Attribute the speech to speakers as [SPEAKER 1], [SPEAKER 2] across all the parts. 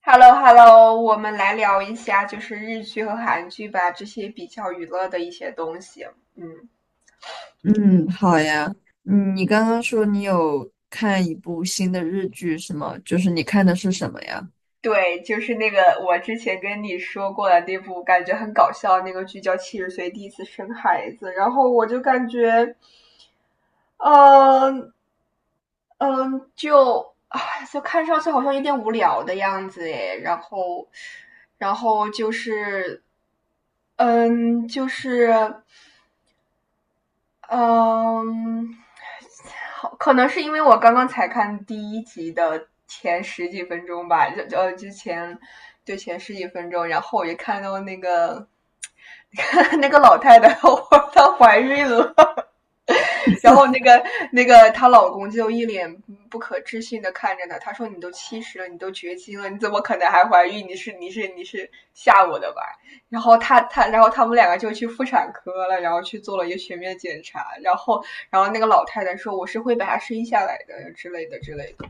[SPEAKER 1] Hello Hello，我们来聊一下就是日剧和韩剧吧，这些比较娱乐的一些东西。嗯，
[SPEAKER 2] 嗯，好呀。嗯，你刚刚说你有看一部新的日剧是吗？就是你看的是什么呀？
[SPEAKER 1] 对，就是那个我之前跟你说过的那部感觉很搞笑的那个剧叫《七十岁第一次生孩子》，然后我就感觉，嗯嗯，就啊，就看上去好像有点无聊的样子诶，然后，然后就是，嗯，就是。嗯，好，可能是因为我刚刚才看第一集的前十几分钟吧，就就呃之前就前十几分钟，然后我就看到那个 那个老太太，我她怀孕了，然后那个她老公就一脸不可置信的看着她，他说：“你都70了，你都绝经了，你怎么可能还怀孕？你是吓我的吧？”然后他们两个就去妇产科了，然后去做了一个全面检查，然后那个老太太说：“我是会把她生下来的之类的之类的。”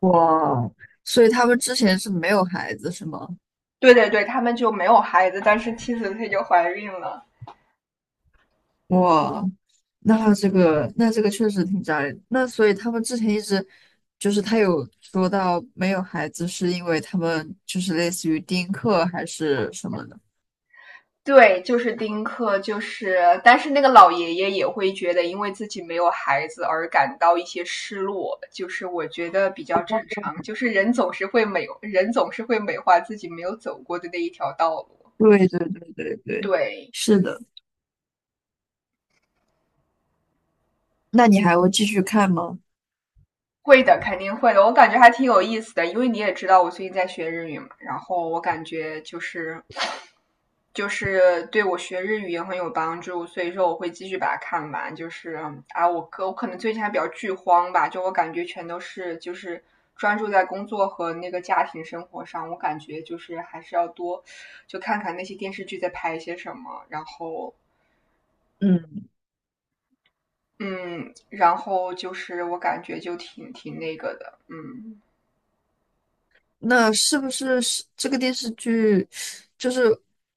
[SPEAKER 2] 哇，所以他们之前是没有孩子是吗？
[SPEAKER 1] 对对对，他们就没有孩子，但是妻子她就怀孕了。
[SPEAKER 2] 哇，那这个确实挺扎人。那所以他们之前一直就是他有说到没有孩子是因为他们就是类似于丁克还是什么的。
[SPEAKER 1] 对，就是丁克，就是但是那个老爷爷也会觉得因为自己没有孩子而感到一些失落，就是我觉得比较正常，就是人总是会美，人总是会美化自己没有走过的那一条道路。
[SPEAKER 2] 对对对对对，
[SPEAKER 1] 对，
[SPEAKER 2] 是的。那你还会继续看吗？
[SPEAKER 1] 会的，肯定会的。我感觉还挺有意思的，因为你也知道我最近在学日语嘛，然后我感觉就是对我学日语也很有帮助，所以说我会继续把它看完。就是啊，我可能最近还比较剧荒吧，就我感觉全都是就是专注在工作和那个家庭生活上，我感觉就是还是要多就看看那些电视剧在拍一些什么，然后
[SPEAKER 2] 嗯。
[SPEAKER 1] 嗯，然后就是我感觉就挺那个的，嗯。
[SPEAKER 2] 那是不是这个电视剧？就是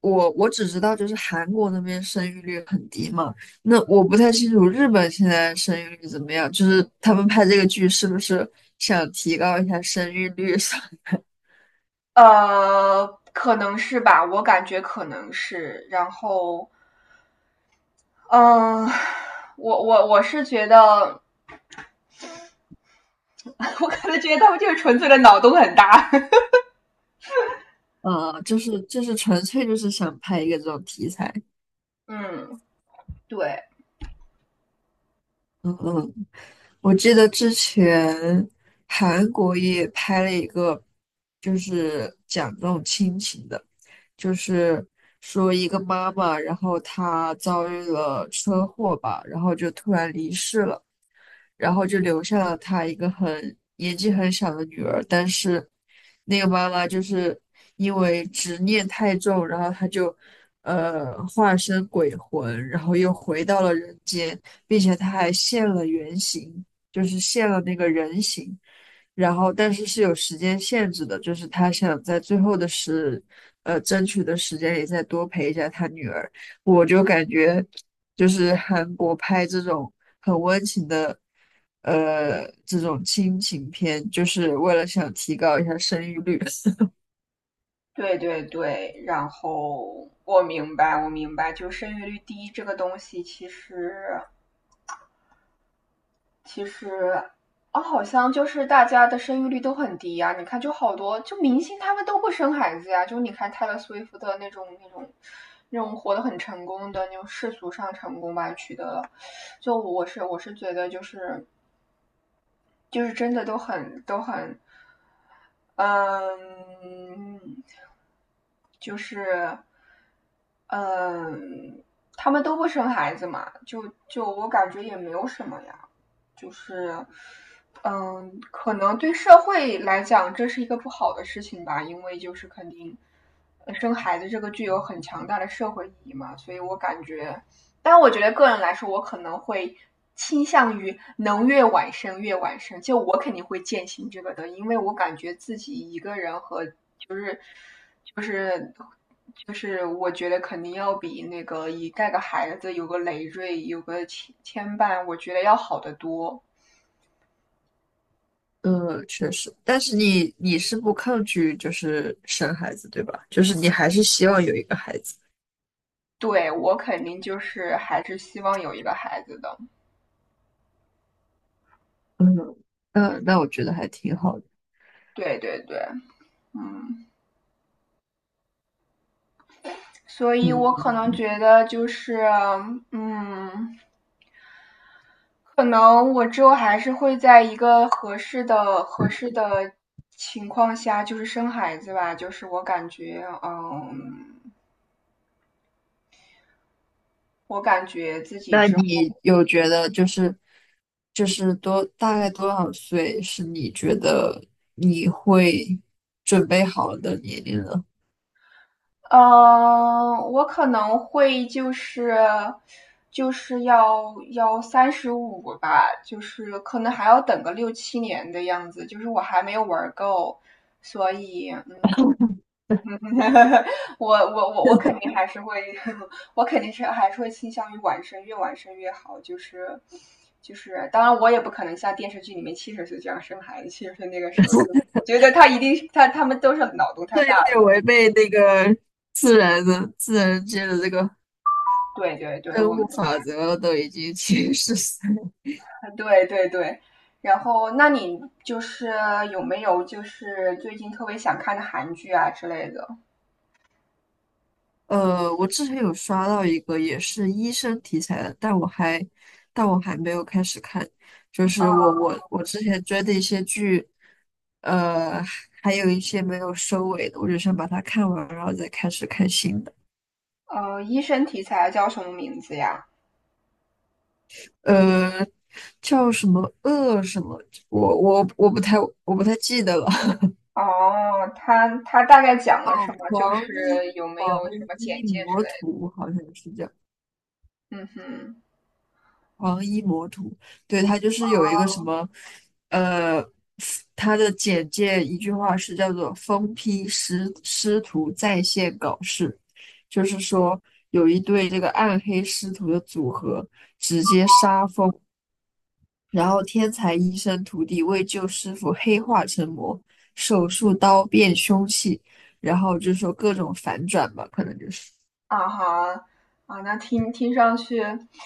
[SPEAKER 2] 我只知道，就是韩国那边生育率很低嘛。那我不太清楚日本现在生育率怎么样，就是他们拍这个剧是不是想提高一下生育率上？
[SPEAKER 1] 呃，可能是吧，我感觉可能是。然后，嗯，我是觉得，我可能觉得他们就是纯粹的脑洞很大。
[SPEAKER 2] 就是纯粹就是想拍一个这种题材。
[SPEAKER 1] 嗯，对
[SPEAKER 2] 嗯嗯，我记得之前韩国也拍了一个，就是讲这种亲情的。就是说一个妈妈，然后她遭遇了车祸吧，然后就突然离世了，然后就留下了她一个很年纪很小的女儿，但是那个妈妈就是因为执念太重，然后她就化身鬼魂，然后又回到了人间，并且她还现了原形，就是现了那个人形。然后但是是有时间限制的，就是他想在最后的时，争取的时间里再多陪一下他女儿。我就感觉，就是韩国拍这种很温情的，这种亲情片，就是为了想提高一下生育率。
[SPEAKER 1] 对对对。然后我明白，我明白，就生育率低这个东西，其实，好像就是大家的生育率都很低呀、你看，就好多就明星他们都不生孩子呀、就你看泰勒·斯威夫特那种活得很成功的那种世俗上成功吧，取得了。就我是觉得就是真的都很嗯，就是，嗯，他们都不生孩子嘛，就我感觉也没有什么呀，就是，可能对社会来讲这是一个不好的事情吧，因为就是肯定，生孩子这个具有很强大的社会意义嘛，所以我感觉，但我觉得个人来说，我可能会倾向于能越晚生越晚生。就我肯定会践行这个的，因为我感觉自己一个人和就是就是，我觉得肯定要比那个一带个孩子有个累赘有个牵绊，我觉得要好得多。
[SPEAKER 2] 嗯，确实，但是你是不抗拒就是生孩子，对吧？就是你还是希望有一个孩子。
[SPEAKER 1] 对我肯定就是还是希望有一个孩子的。
[SPEAKER 2] 嗯，那我觉得还挺好的。
[SPEAKER 1] 对对对，嗯，所以我可能
[SPEAKER 2] 嗯。
[SPEAKER 1] 觉得就是嗯。可能我之后还是会在一个合适的情况下，就是生孩子吧。就是我感觉，嗯，我感觉自己
[SPEAKER 2] 那
[SPEAKER 1] 之后
[SPEAKER 2] 你有觉得就是多大概多少岁是你觉得你会准备好的年龄呢？
[SPEAKER 1] 嗯，我可能会就是就是要35吧，就是可能还要等个六七年的样子。就是我还没有玩够，所以嗯，我肯定还是会，我肯定是还是会倾向于晚生，越晚生越好。就是就是，当然我也不可能像电视剧里面七十岁这样生孩子，七十岁那个时候就觉得他一定是他们都是脑洞太
[SPEAKER 2] 这
[SPEAKER 1] 大
[SPEAKER 2] 有点
[SPEAKER 1] 了。
[SPEAKER 2] 违背那个自然的自然界的这个
[SPEAKER 1] 对对对，
[SPEAKER 2] 生
[SPEAKER 1] 我
[SPEAKER 2] 物
[SPEAKER 1] 明
[SPEAKER 2] 法
[SPEAKER 1] 白。
[SPEAKER 2] 则了，都已经 七十岁。
[SPEAKER 1] 对对对。然后，那你就是有没有就是最近特别想看的韩剧啊之类的？
[SPEAKER 2] 我之前有刷到一个也是医生题材的，但我还没有开始看。就是我我
[SPEAKER 1] 嗯，
[SPEAKER 2] 我之前追的一些剧，呃，还有一些没有收尾的，我就想把它看完，然后再开始看新的。
[SPEAKER 1] 呃，医生题材叫什么名字呀？
[SPEAKER 2] 呃，叫什么恶什么，我不太记得了。
[SPEAKER 1] 哦，他他大概讲了
[SPEAKER 2] 哦，
[SPEAKER 1] 什么？就
[SPEAKER 2] 狂
[SPEAKER 1] 是
[SPEAKER 2] 医
[SPEAKER 1] 有没有
[SPEAKER 2] 狂
[SPEAKER 1] 什么
[SPEAKER 2] 医
[SPEAKER 1] 简介之
[SPEAKER 2] 魔
[SPEAKER 1] 类
[SPEAKER 2] 徒好像是叫。
[SPEAKER 1] 的？嗯哼，
[SPEAKER 2] 黄衣魔徒，对，他就是有一个什
[SPEAKER 1] 哦，
[SPEAKER 2] 么，呃，他的简介一句话是叫做"疯批师师徒在线搞事"，就是说有一对这个暗黑师徒的组合直接杀疯，然后天才医生徒弟为救师傅黑化成魔，手术刀变凶器，然后就说各种反转吧，可能就是。
[SPEAKER 1] 啊哈，啊，那听听上去，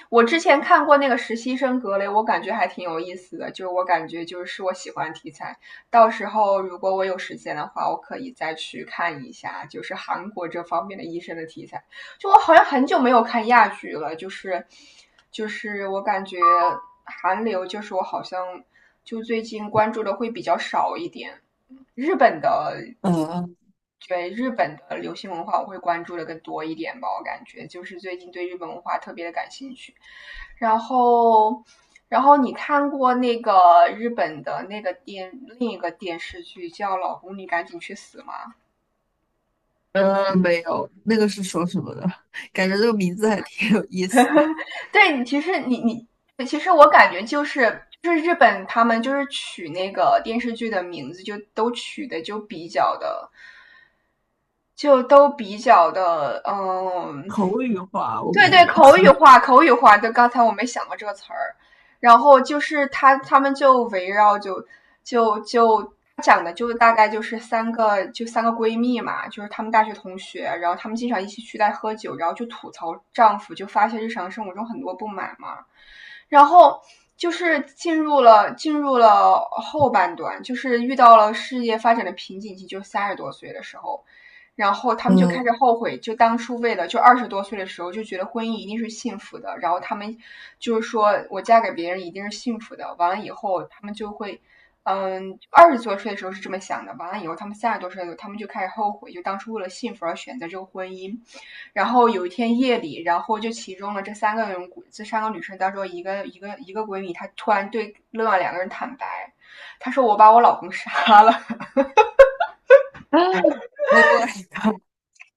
[SPEAKER 1] 我之前看过那个实习生格雷，我感觉还挺有意思的，就是我感觉就是是我喜欢的题材。到时候如果我有时间的话，我可以再去看一下，就是韩国这方面的医生的题材。就我好像很久没有看亚剧了，就是就是我感觉韩流就是我好像就最近关注的会比较少一点。日本的
[SPEAKER 2] 嗯。
[SPEAKER 1] 对日本的流行文化，我会关注的更多一点吧。我感觉就是最近对日本文化特别的感兴趣。然后，然后你看过那个日本的那个另一个电视剧叫《老公，你赶紧去死》吗？
[SPEAKER 2] 没有，那个是说什么的？感觉这个名字还挺有意思的
[SPEAKER 1] 对，你其实你你其实我感觉就是日本他们就是取那个电视剧的名字，就都取的就比较的。就都比较的，嗯，
[SPEAKER 2] 口语化，我
[SPEAKER 1] 对
[SPEAKER 2] 感
[SPEAKER 1] 对，
[SPEAKER 2] 觉。
[SPEAKER 1] 口语化，口语化，就刚才我没想过这个词儿。然后就是他们就围绕就讲的就大概就是三个闺蜜嘛，就是她们大学同学，然后她们经常一起去在喝酒，然后就吐槽丈夫，就发泄日常生活中很多不满嘛。然后就是进入了后半段，就是遇到了事业发展的瓶颈期，就三十多岁的时候，然后他们就开
[SPEAKER 2] 嗯
[SPEAKER 1] 始后悔，就当初为了就二十多岁的时候就觉得婚姻一定是幸福的，然后他们就是说我嫁给别人一定是幸福的。完了以后，他们就会，嗯，二十多岁的时候是这么想的，完了以后他们三十多岁的时候，他们就开始后悔，就当初为了幸福而选择这个婚姻。然后有一天夜里，然后就其中的这三个人，这三个女生当中一个闺蜜，她突然对另外两个人坦白，她说我把我老公杀了。
[SPEAKER 2] o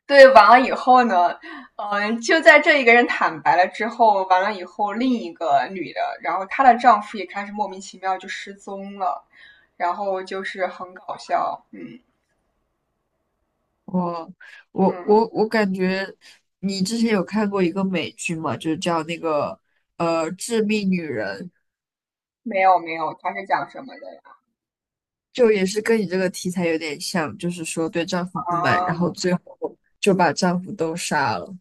[SPEAKER 1] 对，完了以后呢，就在这一个人坦白了之后，完了以后，另一个女的，然后她的丈夫也开始莫名其妙就失踪了，然后就是很搞笑，嗯
[SPEAKER 2] 我我
[SPEAKER 1] 嗯，
[SPEAKER 2] 我我感觉你之前有看过一个美剧吗？就是叫那个《致命女人》，
[SPEAKER 1] 没有没有，他是讲什么的呀？
[SPEAKER 2] 就也是跟你这个题材有点像，就是说对丈夫不满，然后
[SPEAKER 1] 啊，
[SPEAKER 2] 最后就把丈夫都杀了。